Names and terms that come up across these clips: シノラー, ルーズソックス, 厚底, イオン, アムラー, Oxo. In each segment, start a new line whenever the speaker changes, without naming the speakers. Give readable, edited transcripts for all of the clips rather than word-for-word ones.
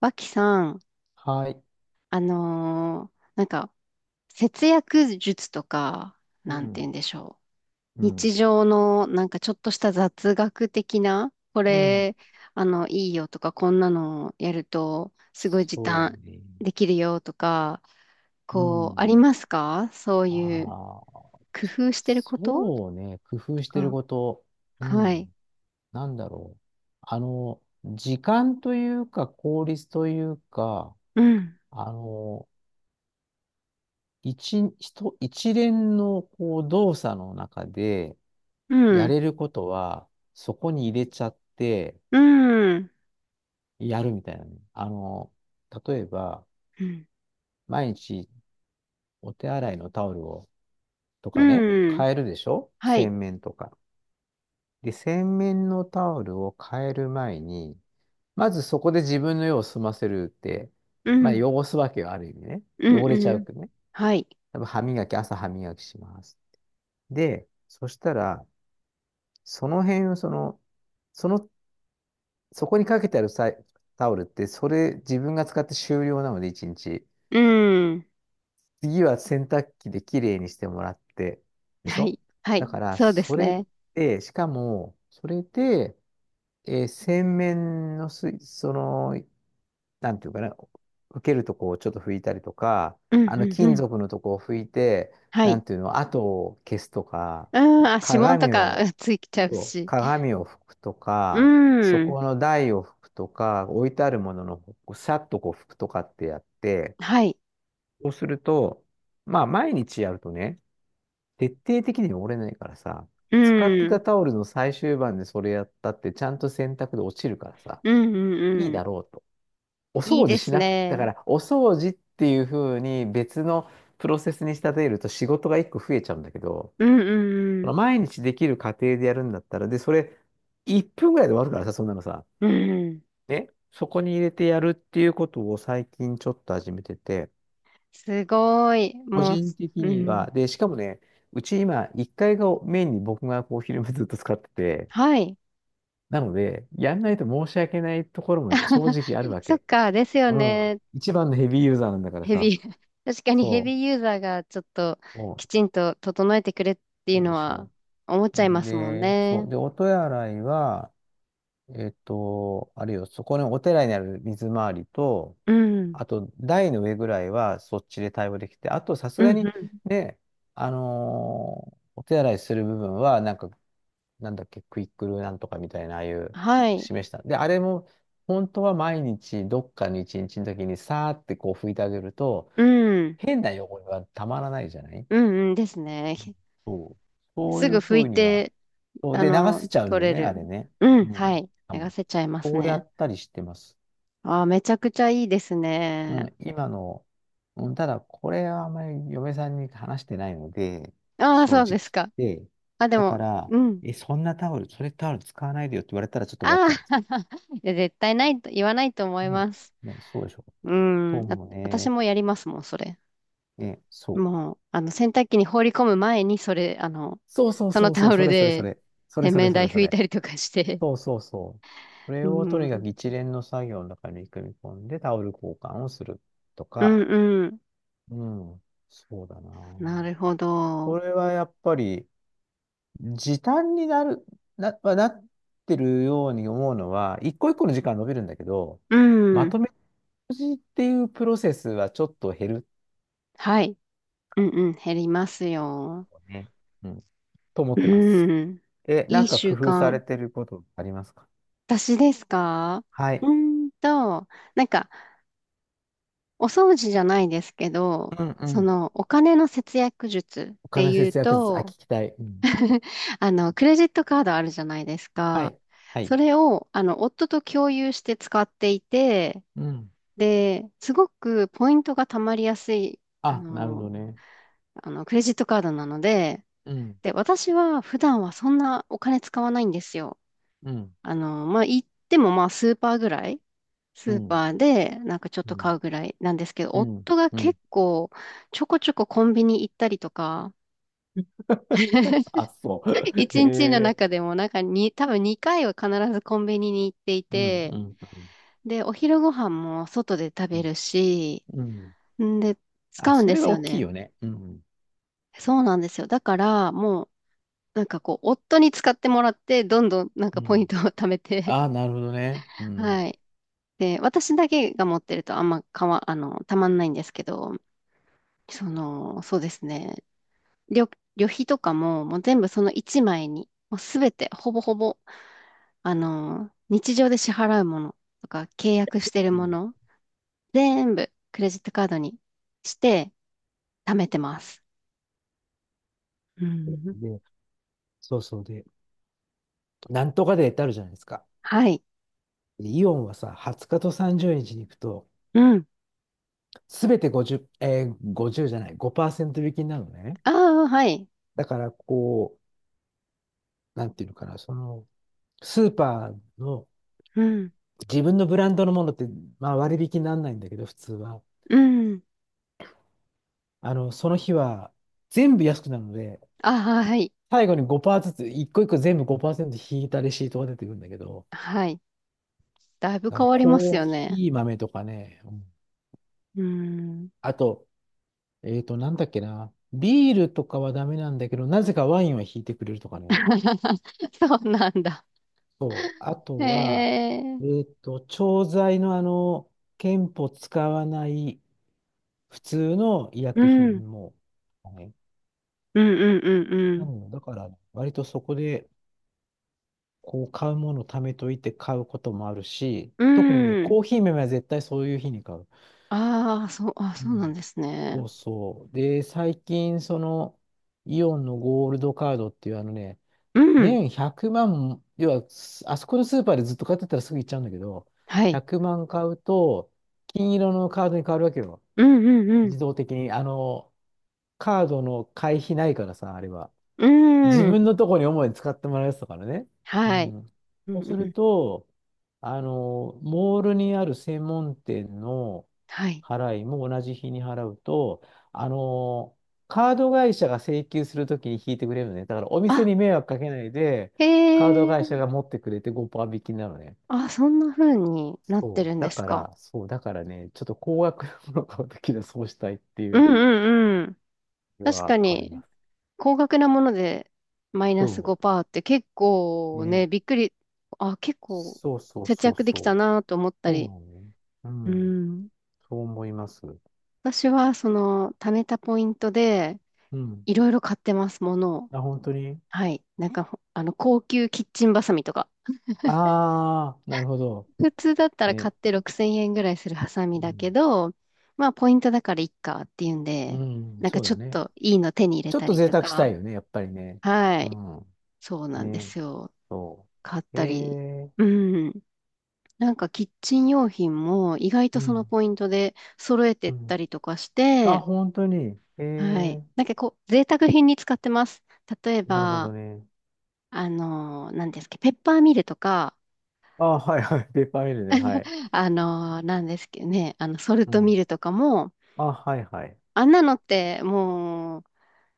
脇さん、
はい。
なんか、節約術とか、
う
なんて言
ん。
うんでしょ
う
う。日
ん。
常の、なんかちょっとした雑学的な、こ
うん。
れ、いいよとか、こんなのやると、すごい時
そ
短
うね。
できるよとか、
う
こう、あり
ん。
ますか？そういう、
ああ。
工夫してること
そうね。工夫
と
してる
か。
こと。う
はい。
ん。なんだろう。あの、時間というか、効率というか、
うん。
あの、一連のこう動作の中で
う
や
ん。
れることは、そこに入れちゃって
うん。
やるみたいなね。あの、例えば、
うん。
毎日お手洗いのタオルをと
う
かね、
ん。
変えるでしょ
はい。
洗面とか。で、洗面のタオルを変える前に、まずそこで自分の用を済ませるって、
う
まあ
ん。
汚すわけよ、ある意味ね。
うん。
汚れちゃ
う
う
ん。
けどね。
はい。
多分歯磨き、朝歯磨きします。で、そしたら、その辺をその、そこにかけてあるさタオルって、それ自分が使って終了なので、一日。
うん。
次は洗濯機できれいにしてもらって、でし
はい。
ょ。
は
だ
い。
から、
そうで
そ
す
れ
ね。
で、しかも、それで、洗面の水、その、なんていうかな、受けるとこをちょっと拭いたりとか、
うん、
あの
うん、
金
うん。
属のとこを拭いて、
は
な
い。
んていうの、跡を消すとか、
うん、あ、指紋と
鏡
かう
を、
んついちゃう
そう
し。
鏡を拭くと
う
か、そ
ん。
この台を拭くとか、置いてあるものの、こうさっとこう拭くとかってやって、
はい。
そうすると、まあ毎日やるとね、徹底的に汚れないからさ、
う
使ってた
ん。
タオルの最終盤でそれやったって、ちゃんと洗濯で落ちるからさ、
うん、う
いい
ん、う
だ
ん。
ろうと。お
いい
掃除
で
し
す
な、だか
ね。
ら、お掃除っていう風に別のプロセスに仕立てると仕事が一個増えちゃうんだけど、
うん、
そ
う
の
ん
毎日できる過程でやるんだったら、で、それ、1分ぐらいで終わるからさ、そんなのさ。
うん、うん。
ね。そこに入れてやるっていうことを最近ちょっと始めてて、
すごい。
個
も
人的
う、う
に
ん。
は、で、しかもね、うち今、1階がメインに僕がこう、昼間 ずっと使ってて、
はい。
なので、やんないと申し訳ないところも正直ある わ
そっ
け。
か、ですよ
うん。
ね。
一番のヘビーユーザーなんだから
ヘ
さ。
ビー、確かにヘビ
そ
ーユーザーがちょっと
う、そ
きちんと整えてくれってい
う
う
なん
の
でし
は
ょ
思っちゃいま
う。
すもん
で、そう。
ね。
で、音や洗いは、あれよ、そこのお寺にある水回りと、
うん。
あと、台の上ぐらいはそっちで対応できて、あと、さす
うん
が
う
に、
ん。
ね、あの、お手洗いする部分は、なんか、なんだっけ、クイックルなんとかみたいな、ああいう、
はい。
示した。で、あれも、本当は毎日、どっかの一日の時に、さーってこう拭いてあげると、
うん。
変な汚れはたまらないじゃない。
うんうんですね。
そう。そう
す
い
ぐ
う
拭
ふ
い
うには、
て、
そうで、流せちゃうん
取
で
れ
ね、あ
る。
れね。
うん、
う
は
ん。
い。
あ、も
流
う、
せちゃいます
こうや
ね。
ったりしてます。
ああ、めちゃくちゃいいですね。
うん、今の、うん、ただ、これはあんまり嫁さんに話してないので、
ああ、
正
そ
直
うですか。
言って。
あ、で
だか
も、
ら、
うん。
え、そんなタオル、それタオル使わないでよって言われたらちょっと終わっ
ああ、
ちゃうんですよ。
いや絶対ないと、言わないと思い
ね。
ます。
ね、そうでしょ。
う
そう
ん。あ、
も
私
ね。
もやりますもん、それ。
ね、そう。
もう、洗濯機に放り込む前に、それ、
そうそう
そ
そ
の
うそ
タ
う、
オ
そ
ル
れそれそ
で、
れ。それ
洗
それ
面
そ
台
れそ
拭い
れ。
たりとかして。
そうそうそう。それ
う
をとにか
ん。
く一連の作業の中に組み込んでタオル交換をすると
うん
か、
うん。
うん、そうだな。
なるほ
こ
ど。
れはやっぱり時短になる、な、まあなってるように思うのは、一個一個の時間伸びるんだけど、
う
ま
ん。
とめ掃除っていうプロセスはちょっと減る
はい。うんうん、減りますよ。
とね。うん。と思
う
ってます。
ん。
え、な
い
ん
い
か
習
工夫され
慣。
てることありますか？
私ですか？
は
う
い。
ーんと、なんか、お掃除じゃないですけど、
うんうん。
お金の節約術
お
って
金
いう
節約術、あ、聞
と、
きたい。うん。
クレジットカードあるじゃないです
は
か。
い。は
そ
い。
れを、夫と共有して使っていて、
うん。
で、すごくポイントが貯まりやすい、あ
あ、なるほど
の、
ね。
クレジットカードなので、
うん。
で、私は普段はそんなお金使わないんですよ。
うん。
まあ、行ってもまあスーパーぐらい、ス
う
ー
ん。
パーでなんかちょっ
う
と
ん。
買うぐらいなんですけど、
うん。
夫が
うん。
結構ちょこちょこコンビニ行ったりとか、
あ、そう。へ
一日の
え。
中でもなんかに、多分2回は必ずコンビニに行ってい
うん、
て、
うん、う
で、お昼ご飯も外で食べ
ん、
るし、
うん。
んで、使
あ、
うん
そ
で
れ
す
は大
よ
きい
ね。
よね。うん、
そうなんですよ。だから、もう、なんかこう、夫に使ってもらって、どんどんなん
う
かポイン
ん。
トを貯めて、
あ、なるほどね。う ん。
はい。で、私だけが持ってるとあんまかわ、あの、たまんないんですけど、そうですね。旅、旅費とかも、もう全部その1枚に、もうすべて、ほぼほぼ、日常で支払うものとか、契約してる
う
も
ん。
の、全部クレジットカードにして、貯めてます。うん。
で、そうそうで、なんとかデーってあるじゃないですか。
はい。
でイオンはさ、20日と30日にちに行くと、
うん。
すべて50、50じゅうじゃない、5%引きになるのね。
ああ、はい。
だから、こう、なんていうのかな、その、スーパーの
うん。
自分のブランドのものって、まあ割引にならないんだけど、普通は。
うん。
あの、その日は全部安くなるので、
ああ、はい。
最後に5%ずつ、一個一個全部5%引いたレシートが出てくるんだけど、
はい。だいぶ
あ
変
の
わります
コー
よね。
ヒー豆とかね、うん。
うん。
あと、なんだっけな、ビールとかはダメなんだけど、なぜかワインは引いてくれるとかね。
そうなんだ。
そう、あ
へ
とは、
え。
調剤のあの、憲法使わない普通の医
う
薬
ん、うん
品も、はい。
うんう
な
ん
ので、だから、割とそこで、こう、買うものを貯めといて買うこともあるし、
うん。
特にね、
うん。
コーヒー豆は絶対そういう日に買う。
ああ、そう、あ、
う
そうなん
ん。
です
そ
ね。
うそう。で、最近、その、イオンのゴールドカードっていう、あのね、
うん。
年100万、要は、すあそこのスーパーでずっと買ってたらすぐ行っちゃうんだけど、
はい。
100万買うと、金色のカードに変わるわけよ。
うんうん
自動的に。あの、カードの会費ないからさ、あれは。
う
自
ん。うん。
分のとこに主に使ってもらうやつだからね。う
はい。
ん。
う
そうす
んう
る
ん。
と、あの、モールにある専門店の
はい。
払いも同じ日に払うと、あの、カード会社が請求するときに引いてくれるのね。だからお店
あ、
に迷惑かけないで、
へ
カード会社が
え。
持ってくれて5%引きなのね。
あ、そんな風になって
そ
る
う。
ん
だ
です
か
か？
ら、そう。だからね、ちょっと高額なものを買うときはそうしたいってい
う
う
んうんうん。
の
確か
はあり
に、
ます。
高額なものでマイナス
そ
5%って結
う。
構ね、
ね。
びっくり、あ、結構
そうそう
節
そう
約できた
そう。
なと思った
そうな
り。
のね。う
う
ん。
ん。
そう思います。
私は、貯めたポイントで、
うん。
いろいろ買ってます、ものを。
あ、本当に。
はい。なんかほ、あの、高級キッチンバサミとか。
ああー、なるほど。
普通だったら買
ね。
って6000円ぐらいするハサミ
う
だけ
ん。
ど、まあ、ポイントだからいっかっていうん
う
で、
ん、
なんか
そう
ちょ
だ
っ
ね。
といいの手に入れ
ちょっ
た
と
り
贅
と
沢した
か。
いよね、やっぱりね。
は
う
い。
ん。
そうなんで
ね。
すよ。
そ
買っ
う。え
たり。
え
うん。なんか、キッチン用品も、意外
う
とその
ん。
ポイントで揃えて
う
った
ん。
りとかし
あ、
て、
本当に。え
はい。
え
なんかこう、贅沢品に使ってます。例え
なるほど
ば、
ね。
なんですけど、ペッパーミルとか、
あ、はいはい。ペーパーミルね。はい。
なんですけどね、ソル
う
トミ
ん。
ルとかも、
あ、はいはい。
あんなのってもう、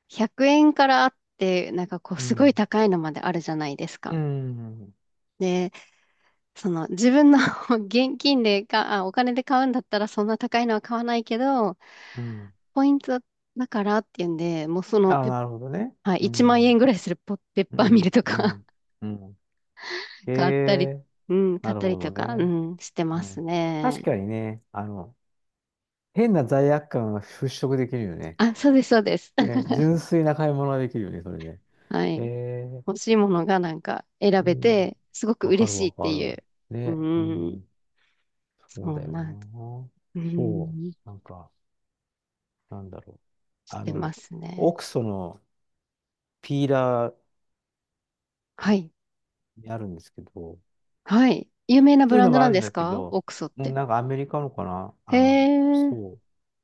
100円からあって、なんかこう、
う
すごい
ん。
高いのまであるじゃないです
う
か。
ん。
で、自分の 現金でか、あ、お金で買うんだったら、そんな高いのは買わないけど、
うん。
ポイントだからっていうんで、もう
あ、なるほどね。
はい、
う
1万円
ん。
ぐらいするポペッ
う
パーミル
ん。
と
う
か
ん。うん。え
買ったり、
え
うん、
な
買っ
る
た
ほ
り
ど
とか、う
ね。
ん、してま
う
す
ん。確か
ね。
にね、あの、変な罪悪感が払拭できるよね。
あ、そうです、そうです。
ね、純粋な買い物ができるよね、それで。
は
へ
い。
え、
欲しいものがなんか選
う
べ
ん。
て、すごく
わか
嬉
る
しい
わ
っ
か
てい
る。
う。う
ね、う
ーん。
ん。そう
そ
だ
ん
よ
な、
な。
うー
そう。
ん。
なんか、なんだろう。
し
あ
てま
の、
す
オ
ね。
クソのピーラー
はい。
にあるんですけど、
はい。有名なブ
普通
ラ
の
ンド
もあ
なん
るん
です
だけ
か、
ど、
オークソっ
うん、
て？
なんかアメリカのかな。
へ
あの、
え。うん
そ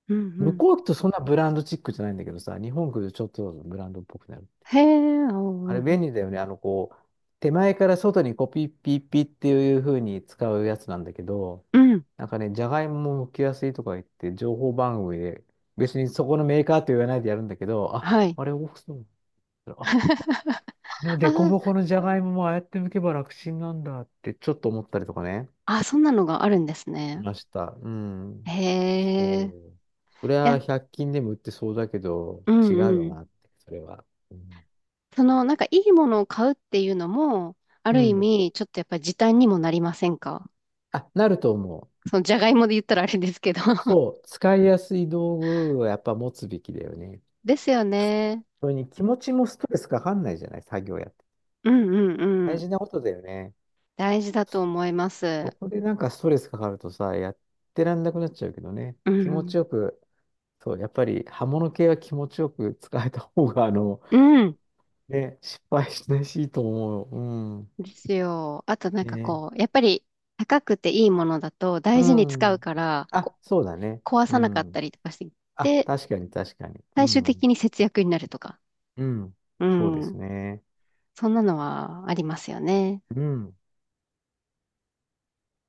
う
う。向
ん。
こうってそんなブランドチックじゃないんだけどさ、日本来るとちょっとブランドっぽくなる。
へえ。
あれ
お
便
ー
利だよね。あの、こう、手前から外にこうピッピッピーっていう風に使うやつなんだけど、
うん。
なんかね、じゃがいもも剥きやすいとか言って、情報番組で、別にそこのメーカーと言わないでやるんだけど、あ、
はい。
あれ、オフそう。あ、あの
あ
デコ
ー、
ボコのじゃがいももああやって剥けば楽ちんなんだってちょっと思ったりとかね。
あ、そんなのがあるんです
い
ね。
ました。うん。そ
へえ。い
う。それは
や、
100均でも売ってそうだけど、
う
違う
ん
よ
うん。
なって、それは。うん。
なんかいいものを買うっていうのも、あ
う
る意
ん。
味、ちょっとやっぱり時短にもなりませんか？
あ、なると思う。
じゃがいもで言ったらあれですけど
そう。使いやすい道具はやっぱ持つべきだよね。
ですよね。
それに気持ちもストレスかかんないじゃない、作業やって。
うんうんう
大
ん。
事なことだよね。
大事だと思います。
そこでなんかストレスかかるとさ、やってらんなくなっちゃうけどね。
う
気持ち
ん。
よく、そう、やっぱり刃物系は気持ちよく使えた方が、あの、
うん。
ね、失敗しないしいいと思う。うん。
ですよ。あとなんか
ね。
こう、やっぱり高くていいものだと
う
大事に使う
ん。
から、
あ、そうだね。
壊
う
さなかった
ん。
りとかし
あ、
て、
確かに確かに。う
最終的
ん。
に節約になるとか。
うん。
う
そうです
ん。
ね。
そんなのはありますよね。
うん。